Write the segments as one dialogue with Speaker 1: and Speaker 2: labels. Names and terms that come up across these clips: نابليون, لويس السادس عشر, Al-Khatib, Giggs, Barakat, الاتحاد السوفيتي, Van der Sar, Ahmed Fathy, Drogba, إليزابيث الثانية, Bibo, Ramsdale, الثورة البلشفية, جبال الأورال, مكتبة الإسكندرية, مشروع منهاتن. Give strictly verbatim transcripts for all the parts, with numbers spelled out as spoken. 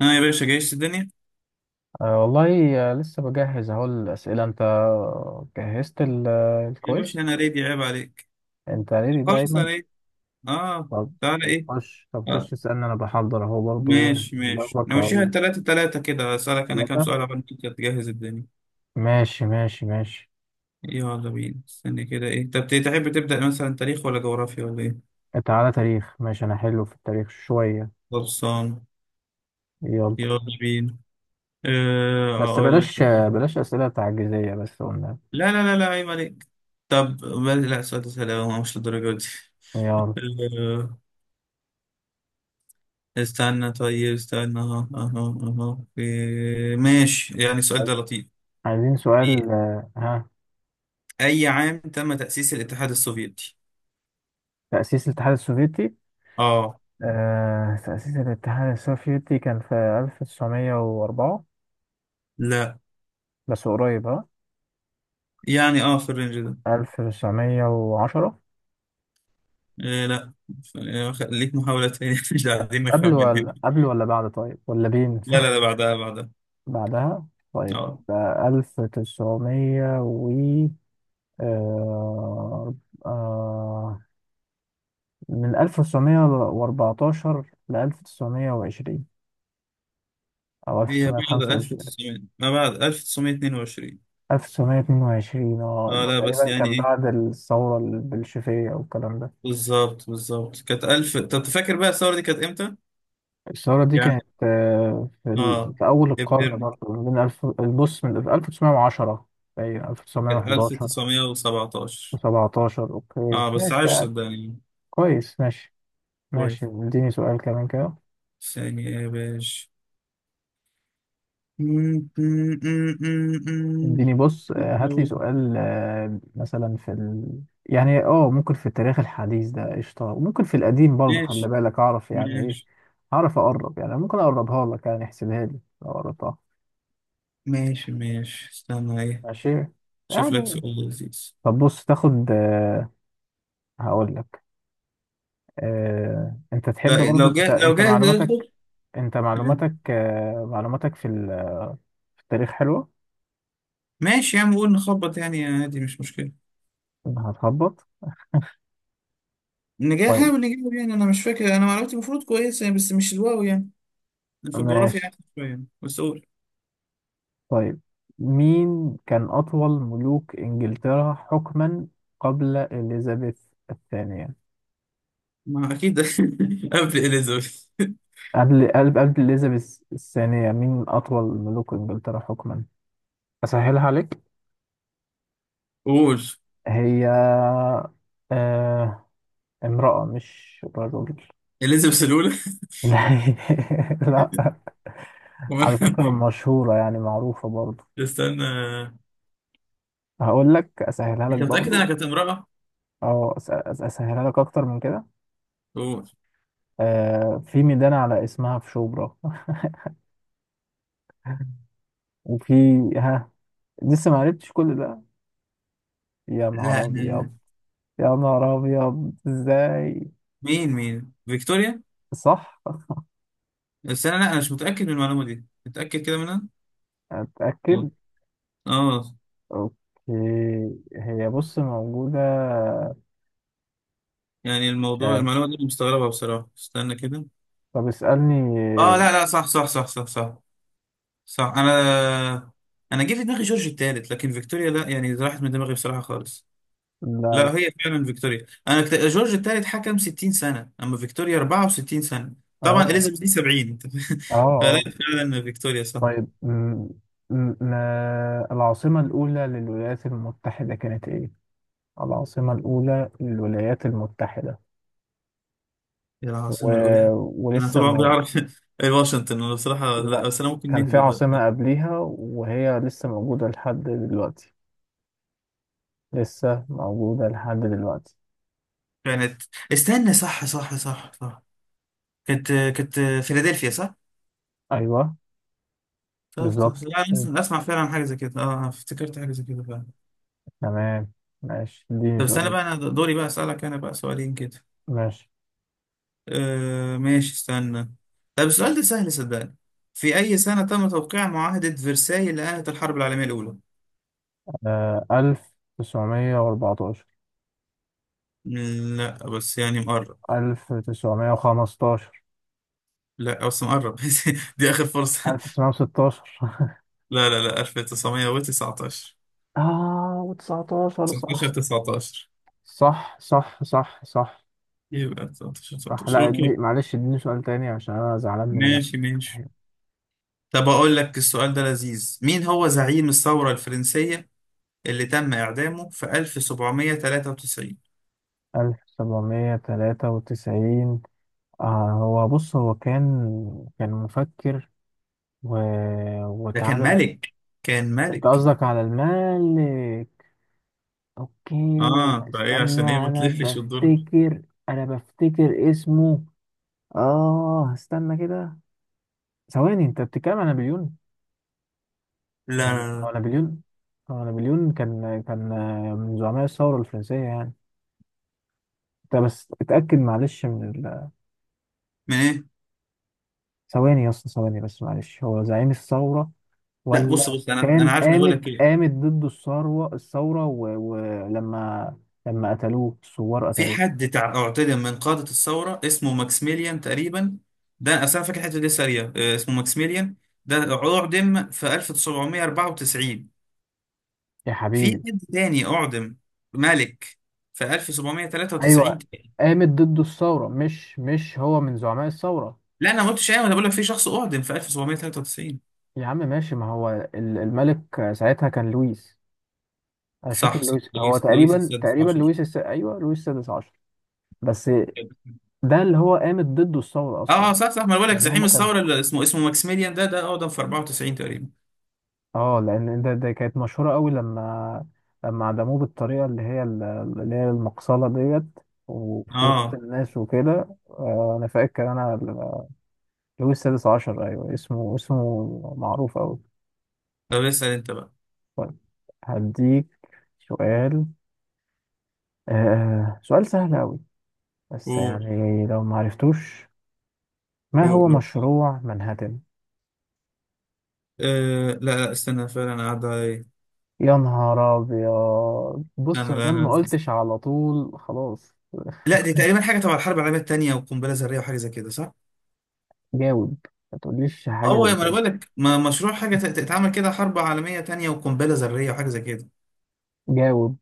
Speaker 1: ها يا باشا، جايش الدنيا؟
Speaker 2: أه والله، آه، لسه بجهز اهو الأسئلة. انت جهزت ال- آه،
Speaker 1: يا باشا
Speaker 2: الكويز.
Speaker 1: انا ريدي، عيب عليك.
Speaker 2: انت ليه
Speaker 1: خلاص
Speaker 2: دايما؟
Speaker 1: انا ايه؟ اه.
Speaker 2: طب
Speaker 1: تعالى
Speaker 2: طب
Speaker 1: ايه؟
Speaker 2: خش طب خش
Speaker 1: آه.
Speaker 2: اسألني، انا بحضر اهو برضو. ايه
Speaker 1: ماشي ماشي
Speaker 2: جنبك
Speaker 1: نمشيها
Speaker 2: اهو؟
Speaker 1: تلاتة تلاتة كده، اسألك انا كام
Speaker 2: ثلاثة.
Speaker 1: سؤال عشان انت تجهز الدنيا.
Speaker 2: ماشي، ماشي، ماشي.
Speaker 1: يلا بينا، استني كده ايه، طب تحب تبدأ مثلا تاريخ ولا جغرافيا ولا ايه؟
Speaker 2: تعالى تاريخ، ماشي، انا حلو في التاريخ شوية.
Speaker 1: خلصان،
Speaker 2: يلا.
Speaker 1: يلا بينا. آه
Speaker 2: بس
Speaker 1: اقول لك.
Speaker 2: بلاش آه، بلاش أسئلة تعجيزية، بس قلنا.
Speaker 1: لا لا لا لا، عيب عليك. طب بل- لا، سؤال سهل أوي، مش للدرجة دي.
Speaker 2: يلا.
Speaker 1: استنى، طيب استنى، اهو اهو. اهو في- ماشي، يعني السؤال
Speaker 2: طيب،
Speaker 1: ده لطيف.
Speaker 2: عايزين
Speaker 1: في
Speaker 2: سؤال، آه، ها.
Speaker 1: أي عام تم تأسيس الاتحاد السوفيتي؟
Speaker 2: تأسيس الاتحاد السوفيتي.
Speaker 1: اه
Speaker 2: آه، تأسيس الاتحاد السوفيتي كان في ألف تسعمية واربعة.
Speaker 1: لا.
Speaker 2: بس قريب، ها.
Speaker 1: يعني اه في الرينج ده.
Speaker 2: ألف تسعمية وعشرة.
Speaker 1: إيه لا. ف- إيه، خ- ليك محاولة تانية. مش عايزين
Speaker 2: قبل
Speaker 1: نخمن هنا.
Speaker 2: ولا قبل ولا بعد؟ طيب ولا بين.
Speaker 1: لا لا لا، بعدها بعدها.
Speaker 2: بعدها. طيب
Speaker 1: اه.
Speaker 2: يبقى ألف وتسعمية و آه... آه... من ألف تسعمية واربعتاشر ل ألف تسعمية وعشرين. أو
Speaker 1: هي بعد
Speaker 2: ألف تسعمية وخمسة وعشرين.
Speaker 1: ألف وتسعمية، ما بعد ألف تسعمية واتنين وعشرين.
Speaker 2: ألف تسعمية واثنين وعشرين، اه
Speaker 1: اه لا، بس
Speaker 2: تقريبا
Speaker 1: يعني
Speaker 2: كان
Speaker 1: ايه.
Speaker 2: بعد الثورة البلشفية والكلام ده.
Speaker 1: بالظبط بالظبط كانت ألف. طب تفكر بقى الثورة دي كانت امتى؟
Speaker 2: الثورة دي
Speaker 1: يعني
Speaker 2: كانت، آه، في, ال...
Speaker 1: اه
Speaker 2: في أول القرن
Speaker 1: ابهرني.
Speaker 2: برضه، ما بين ألف. البص من ألف تسعمية وعشرة. باين
Speaker 1: كانت
Speaker 2: ألف تسعمية وحداشر
Speaker 1: ألف تسعمية وسبعتاشر.
Speaker 2: وسبعتاشر. أوكي،
Speaker 1: اه بس
Speaker 2: ماشي
Speaker 1: عايش
Speaker 2: يعني.
Speaker 1: صدقني.
Speaker 2: كويس، ماشي. ماشي،
Speaker 1: كويس.
Speaker 2: اديني سؤال كمان كده.
Speaker 1: ثانية يا باشا. م- م- م- م-
Speaker 2: اديني بص، آه، هات لي
Speaker 1: م.
Speaker 2: سؤال، آه، مثلا في ال... يعني اه ممكن في التاريخ الحديث ده قشطة، وممكن في القديم برضه،
Speaker 1: ماشي
Speaker 2: خلي بالك أعرف يعني إيه.
Speaker 1: ماشي
Speaker 2: أعرف أقرب، يعني ممكن أقربها لك، يعني احسبها لي لو قربتها.
Speaker 1: ماشي ماشي. استنى ايه.
Speaker 2: ماشي
Speaker 1: شوف لك
Speaker 2: يعني.
Speaker 1: سؤال لذيذ.
Speaker 2: طب بص تاخد. آه، هقول لك. آه، انت تحب
Speaker 1: لا،
Speaker 2: برضو.
Speaker 1: لو
Speaker 2: انت
Speaker 1: جاء لو
Speaker 2: انت
Speaker 1: جاء ياخد.
Speaker 2: معلوماتك. انت معلوماتك آه، معلوماتك في ال- في التاريخ حلوة.
Speaker 1: ماشي يا عم، قول، نخبط يعني عادي مش مشكلة.
Speaker 2: هتخبط.
Speaker 1: نجاح،
Speaker 2: طيب.
Speaker 1: حاول نجيبه. يعني انا مش فاكر، انا معلوماتي المفروض كويسة يعني، بس مش الواو يعني. أنا في الجغرافيا
Speaker 2: ماشي.
Speaker 1: احسن شوية، بس قول.
Speaker 2: طيب. مين كان أطول ملوك إنجلترا حكما قبل إليزابيث الثانية؟
Speaker 1: ما اكيد قبل اليزابيث.
Speaker 2: قبل قبل قبل إليزابيث الثانية، مين أطول ملوك إنجلترا حكما؟ أسهلها عليك.
Speaker 1: قول.
Speaker 2: هي آه... امرأة مش رجل.
Speaker 1: اليزابيث الاولى.
Speaker 2: لا. لا. على فكرة مشهورة، يعني معروفة برضو.
Speaker 1: استنى.
Speaker 2: هقول لك أسهلها لك
Speaker 1: انت متأكد انها
Speaker 2: برضو.
Speaker 1: كانت امرأة؟
Speaker 2: أو أس- أس- أسهلها لك أكتر من كده.
Speaker 1: قول.
Speaker 2: آه في ميدان على اسمها في شبرا. وفي. ها. لسه ما عرفتش كل ده. يا
Speaker 1: لا
Speaker 2: نهار
Speaker 1: أنا-
Speaker 2: أبيض. يا نهار أبيض، إزاي؟
Speaker 1: مين مين فيكتوريا؟
Speaker 2: صح.
Speaker 1: بس انا، لا، انا مش متأكد من المعلومة دي. متأكد كده منها؟ اه.
Speaker 2: أتأكد.
Speaker 1: آه.
Speaker 2: أوكي. هي بص موجودة.
Speaker 1: يعني
Speaker 2: مش
Speaker 1: الموضوع،
Speaker 2: عارف.
Speaker 1: المعلومة دي أنا مستغربها بصراحة. استنى كده.
Speaker 2: طب
Speaker 1: اه
Speaker 2: اسألني.
Speaker 1: لا لا، صح صح صح صح صح. صح، انا انا جه في دماغي جورج الثالث، لكن فيكتوريا لا، يعني راحت من دماغي بصراحة خالص.
Speaker 2: لا، لا.
Speaker 1: لا، هي فعلا فيكتوريا. انا كت... جورج الثالث حكم ستين سنة، اما فيكتوريا أربعة وستين سنة. طبعا
Speaker 2: اه،
Speaker 1: اليزابيث دي سبعين.
Speaker 2: اه.
Speaker 1: فلا،
Speaker 2: آه.
Speaker 1: فعلا فيكتوريا صح.
Speaker 2: طيب م- م- ما العاصمة الأولى للولايات المتحدة كانت إيه؟ العاصمة الأولى للولايات المتحدة.
Speaker 1: يا
Speaker 2: و...
Speaker 1: العاصمة الأولى. أنا
Speaker 2: ولسه
Speaker 1: طول عمري
Speaker 2: مو...
Speaker 1: أعرف واشنطن. أنا بصراحة لا،
Speaker 2: لا،
Speaker 1: بس أنا ممكن
Speaker 2: كان في
Speaker 1: نهبط. بقى
Speaker 2: عاصمة قبليها وهي لسه موجودة لحد دلوقتي. لسه موجودة لحد دلوقتي.
Speaker 1: كانت، استنى، صح صح صح صح. كانت كانت فيلادلفيا صح؟
Speaker 2: أيوه.
Speaker 1: طب طب
Speaker 2: بالظبط.
Speaker 1: لا، أنا أسمع فعلا حاجة زي كده. أه آه، افتكرت حاجة زي كده فعلا.
Speaker 2: تمام. ماشي، اديني
Speaker 1: طب استنى
Speaker 2: سؤال.
Speaker 1: بقى، أنا دوري بقى أسألك، أنا بقى سؤالين كده.
Speaker 2: ماشي.
Speaker 1: أه ماشي استنى. طب السؤال ده سهل صدقني. في أي سنة تم توقيع معاهدة فرساي اللي أنهت الحرب العالمية الأولى؟
Speaker 2: آه، ألف تسعمية وأربعتاشر.
Speaker 1: لا بس يعني مقرب.
Speaker 2: ألف تسعمية وخمستاشر.
Speaker 1: لا بس مقرب. دي آخر فرصة.
Speaker 2: ألف تسعمية وستاشر.
Speaker 1: لا لا لا، ألف تسعمية وتسعتاشر.
Speaker 2: اه وتسعتاشر،
Speaker 1: تسعتاشر
Speaker 2: صح.
Speaker 1: تسعتاشر.
Speaker 2: صح، صح، صح، صح.
Speaker 1: يبقى تسعتاشر
Speaker 2: صح،
Speaker 1: تسعتاشر
Speaker 2: لا دي
Speaker 1: اوكي.
Speaker 2: معلش، اديني سؤال تاني عشان انا زعلان من نفسي.
Speaker 1: ماشي ماشي. طب اقول لك السؤال ده لذيذ، مين هو زعيم الثورة الفرنسية اللي تم اعدامه في ألف سبعمية وتلاتة وتسعين؟
Speaker 2: ألف سبعمية وتلاتة وتسعين. آه هو بص هو كان كان مفكر. و...
Speaker 1: ده كان
Speaker 2: واتعدم.
Speaker 1: ملك، كان
Speaker 2: انت
Speaker 1: ملك.
Speaker 2: قصدك على المالك. اوكي.
Speaker 1: اه فايه
Speaker 2: استنى،
Speaker 1: عشان ايه، ما
Speaker 2: انا
Speaker 1: تلفش وتدور، لا.
Speaker 2: بفتكر. انا بفتكر اسمه. اه استنى كده. ثواني، انت بتتكلم عن نابليون؟
Speaker 1: لا
Speaker 2: هو هو
Speaker 1: لا
Speaker 2: نابليون. هو نابليون كان كان آه، من زعماء الثورة الفرنسية يعني. انت بس اتأكد معلش من ال...
Speaker 1: من ايه؟
Speaker 2: ثواني يا اسطى، ثواني بس معلش، هو زعيم الثورة
Speaker 1: لا بص
Speaker 2: ولا؟
Speaker 1: بص انا انا
Speaker 2: كان
Speaker 1: عارف، انا هقول
Speaker 2: قامت
Speaker 1: لك ايه.
Speaker 2: قامت ضد الثورة الثورة. ولما و... ولما- لما قتلوه الثوار
Speaker 1: في
Speaker 2: قتلوه.
Speaker 1: حد تع- اعتدم من قادة الثورة اسمه ماكسيميليان تقريبا. ده أصل أنا فاكر الحتة دي سريع، آه، اسمه ماكسيميليان ده، أعدم في ألف سبعمية وأربعة وتسعين.
Speaker 2: يا
Speaker 1: في
Speaker 2: حبيبي.
Speaker 1: حد تاني أعدم ملك في ألف سبعمية وتلاتة وتسعين
Speaker 2: ايوه.
Speaker 1: تاني.
Speaker 2: قامت ضد الثورة، مش مش هو من زعماء الثورة.
Speaker 1: لا أنا ما قلتش أيوة، أنا بقول لك في شخص أعدم في ألف سبعمية وتلاتة وتسعين.
Speaker 2: يا عم ماشي، ما هو ال- الملك ساعتها كان لويس. انا مش فاكر،
Speaker 1: صح صح،
Speaker 2: لويس هو
Speaker 1: لويس لويس
Speaker 2: تقريبا
Speaker 1: السادس
Speaker 2: تقريبا
Speaker 1: عشر.
Speaker 2: لويس الس... ايوه، لويس السادس عشر. بس. ده اللي هو قامت ضده الثورة أصلا.
Speaker 1: اه آه، صح صح، ما أنا بقول لك
Speaker 2: لأن
Speaker 1: زعيم
Speaker 2: هما كانوا.
Speaker 1: الثورة اللي اسمه اسمه ماكسيميليان، ده ده أعدم في أربعة وتسعين تقريبا.
Speaker 2: اه لأن ده, ده كانت مشهورة قوي لما. لما عدموه بالطريقة اللي هي ال- اللي هي المقصلة ديت. وفي وسط
Speaker 1: اه.
Speaker 2: الناس وكده، آه، أنا فاكر أنا ال- لويس السادس عشر. أيوه، اسمه اسمه معروف أوي.
Speaker 1: طب اسأل أنت بقى.
Speaker 2: طيب. هديك سؤال. آه سؤال سهل أوي. بس
Speaker 1: قول.
Speaker 2: يعني لو ما عرفتوش. ما هو
Speaker 1: قول.
Speaker 2: مشروع منهاتن؟
Speaker 1: أه لا. لا استنى، فعلا قاعدة ايه.
Speaker 2: يا نهار ابيض! بص
Speaker 1: انا
Speaker 2: انا
Speaker 1: انا
Speaker 2: ما قلتش على طول، خلاص.
Speaker 1: لا، دي تقريبا حاجة تبع الحرب العالمية التانية وقنبلة ذرية وحاجة زي كده صح؟
Speaker 2: جاوب. ما تقوليش حاجه
Speaker 1: هو ما
Speaker 2: زي
Speaker 1: انا بقول
Speaker 2: كده.
Speaker 1: لك ما- مشروع حاجة تت- تتعمل كده، حرب عالمية تانية وقنبلة ذرية وحاجة زي كده.
Speaker 2: جاوب.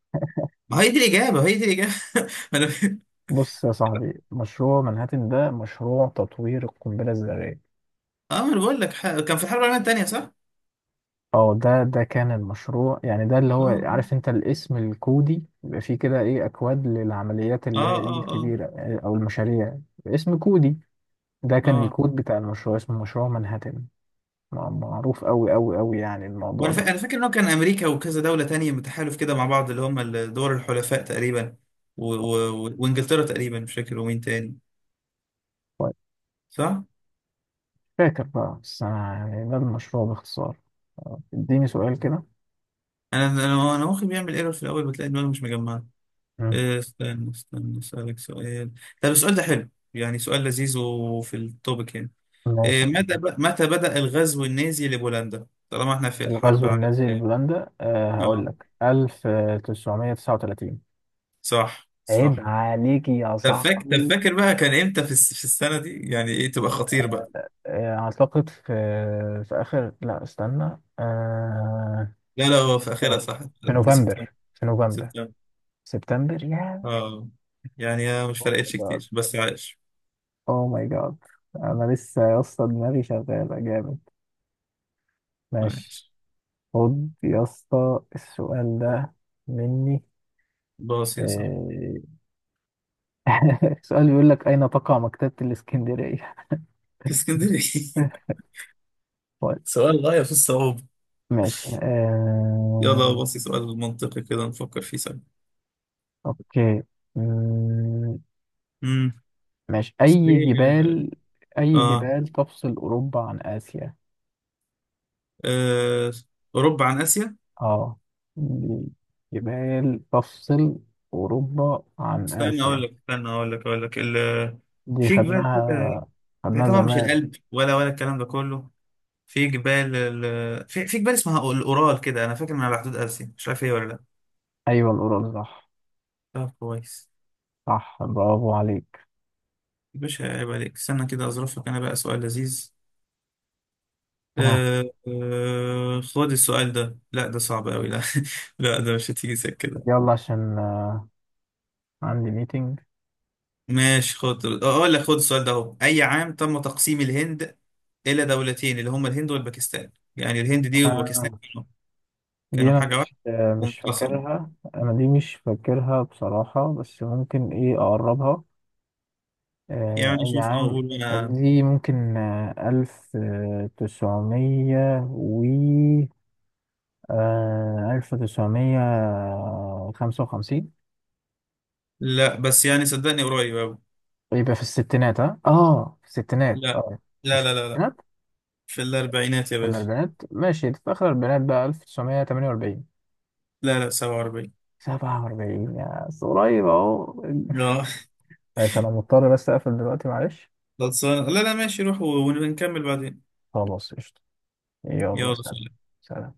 Speaker 1: ما هي دي الإجابة، هي دي الإجابة. ما انا.
Speaker 2: بص يا صاحبي، مشروع منهاتن ده مشروع تطوير القنبله الذريه.
Speaker 1: اه، ما انا بقول لك ح- كان في الحرب العالمية التانية صح؟
Speaker 2: اه ده ده كان المشروع، يعني ده اللي هو،
Speaker 1: اه
Speaker 2: عارف انت الاسم الكودي بيبقى فيه كده ايه، اكواد للعمليات
Speaker 1: اه
Speaker 2: اللي هي إيه
Speaker 1: اه اه
Speaker 2: الكبيره، إيه، او المشاريع. اسم كودي. ده كان
Speaker 1: اه.
Speaker 2: الكود بتاع المشروع، اسمه مشروع منهاتن. مع- معروف قوي قوي قوي، يعني الموضوع
Speaker 1: وانا
Speaker 2: ده.
Speaker 1: فا... انا فاكر ان هو كان امريكا وكذا دولة تانية متحالف كده مع بعض، اللي هم دول الحلفاء تقريبا، و... و... وانجلترا تقريبا، مش فاكر ومين تاني. صح؟
Speaker 2: فاكر بقى، بس أنا يعني ده المشروع باختصار. آه، اديني سؤال كده.
Speaker 1: انا انا أنا مخي بيعمل ايرور في الاول، بتلاقي دماغي مش مجمعه.
Speaker 2: مم.
Speaker 1: إيه، استنى استنى اسالك سؤال. طب السؤال ده حلو، يعني سؤال لذيذ وفي التوبيك يعني.
Speaker 2: ماشي.
Speaker 1: إيه، متى ب... متى بدأ الغزو النازي لبولندا، طالما احنا في الحرب
Speaker 2: الغزو
Speaker 1: على
Speaker 2: النازي
Speaker 1: الكلام.
Speaker 2: لبولندا، أه هقول
Speaker 1: اه
Speaker 2: لك ألف تسعمية وتسعة وثلاثين.
Speaker 1: صح
Speaker 2: عيب
Speaker 1: صح.
Speaker 2: عليكي يا
Speaker 1: طب فاكر، طب
Speaker 2: صاحبي.
Speaker 1: فاكر بقى كان امتى في الس- في السنه دي، يعني ايه تبقى خطير بقى.
Speaker 2: آه، اعتقد في. في اخر، لا استنى أه
Speaker 1: لا لا، هو في اخرها
Speaker 2: في.
Speaker 1: صح.
Speaker 2: في
Speaker 1: في سبتمبر،
Speaker 2: نوفمبر في نوفمبر
Speaker 1: سبتمبر.
Speaker 2: سبتمبر، يا.
Speaker 1: اه. يعني آه، مش
Speaker 2: او ماي
Speaker 1: فرقتش
Speaker 2: جاد!
Speaker 1: كتير، بس عايش.
Speaker 2: او ماي جاد! انا لسه يا اسطى، دماغي شغاله جامد. ماشي.
Speaker 1: عايش.
Speaker 2: خد يا اسطى السؤال ده. مني.
Speaker 1: باص يا صاحبي.
Speaker 2: آه، سؤال بيقول لك أين تقع مكتبة الإسكندرية؟
Speaker 1: في اسكندريه.
Speaker 2: طيب.
Speaker 1: سؤال غاية في الصعوبة.
Speaker 2: ماشي، آه،
Speaker 1: يلا بصي سؤال منطقي كده نفكر فيه سوا.
Speaker 2: أوكي. مم،
Speaker 1: امم.
Speaker 2: ماشي، أي
Speaker 1: ايه.
Speaker 2: جبال. أي
Speaker 1: اه.
Speaker 2: جبال تفصل أوروبا عن آسيا؟
Speaker 1: آه. اوروبا عن اسيا.
Speaker 2: آه دي جبال تفصل أوروبا عن
Speaker 1: استنى اقول
Speaker 2: آسيا.
Speaker 1: لك استنى اقول لك اقول لك ال...
Speaker 2: دي
Speaker 1: في جبال
Speaker 2: خدناها.
Speaker 1: كده. هي
Speaker 2: خدناها
Speaker 1: طبعا مش
Speaker 2: زمان.
Speaker 1: الألب ولا ولا الكلام ده كله. في جبال ال... في... في جبال اسمها الاورال كده، انا فاكر انها على حدود اسيا، مش عارف هي ولا لا.
Speaker 2: أيوة، الأورال، صح.
Speaker 1: طب كويس.
Speaker 2: صح، برافو عليك.
Speaker 1: يا باشا عيب عليك، استنى كده اظرف لك انا بقى سؤال لذيذ.
Speaker 2: آه.
Speaker 1: آه آه خد السؤال ده، لا ده صعب قوي، لا. لا ده مش هتيجي سكة.
Speaker 2: يلا عشان، آه، عندي ميتنج.
Speaker 1: ماشي، خد اقول لك، خد السؤال ده اهو، اي عام تم تقسيم الهند الى دولتين، اللي هما الهند والباكستان؟ يعني الهند دي وباكستان كانوا
Speaker 2: دي
Speaker 1: كانوا
Speaker 2: انا
Speaker 1: حاجه
Speaker 2: مش
Speaker 1: واحده
Speaker 2: آه، مش
Speaker 1: وانقسموا.
Speaker 2: فاكرها، انا دي مش فاكرها بصراحة، بس ممكن ايه اقربها. آه،
Speaker 1: يعني
Speaker 2: اي
Speaker 1: شوف
Speaker 2: عام؟
Speaker 1: اقول انا.
Speaker 2: دي ممكن آه، الف آه، تسعمية و آه، الف تسعمية خمسة وخمسين.
Speaker 1: لا بس يعني صدقني قريب أوي.
Speaker 2: يبقى في الستينات، ها، اه في الستينات،
Speaker 1: لا
Speaker 2: اه مش
Speaker 1: لا
Speaker 2: في
Speaker 1: لا لا لا.
Speaker 2: الستينات.
Speaker 1: في الاربعينات يا
Speaker 2: في
Speaker 1: باشا.
Speaker 2: الاربعينات، ماشي، في اخر الاربعينات بقى الف تسعمية تمانية واربعين.
Speaker 1: لا لا سبعة وأربعين.
Speaker 2: سبعة واربعين، يا بس قريب اهو.
Speaker 1: لا.
Speaker 2: ماشي، انا مضطر بس اقفل دلوقتي، معلش.
Speaker 1: خلصان لا لا، ماشي، روح ونكمل بعدين.
Speaker 2: خلاص قشطة. يلا
Speaker 1: يلا
Speaker 2: سلام.
Speaker 1: سلام.
Speaker 2: سلام.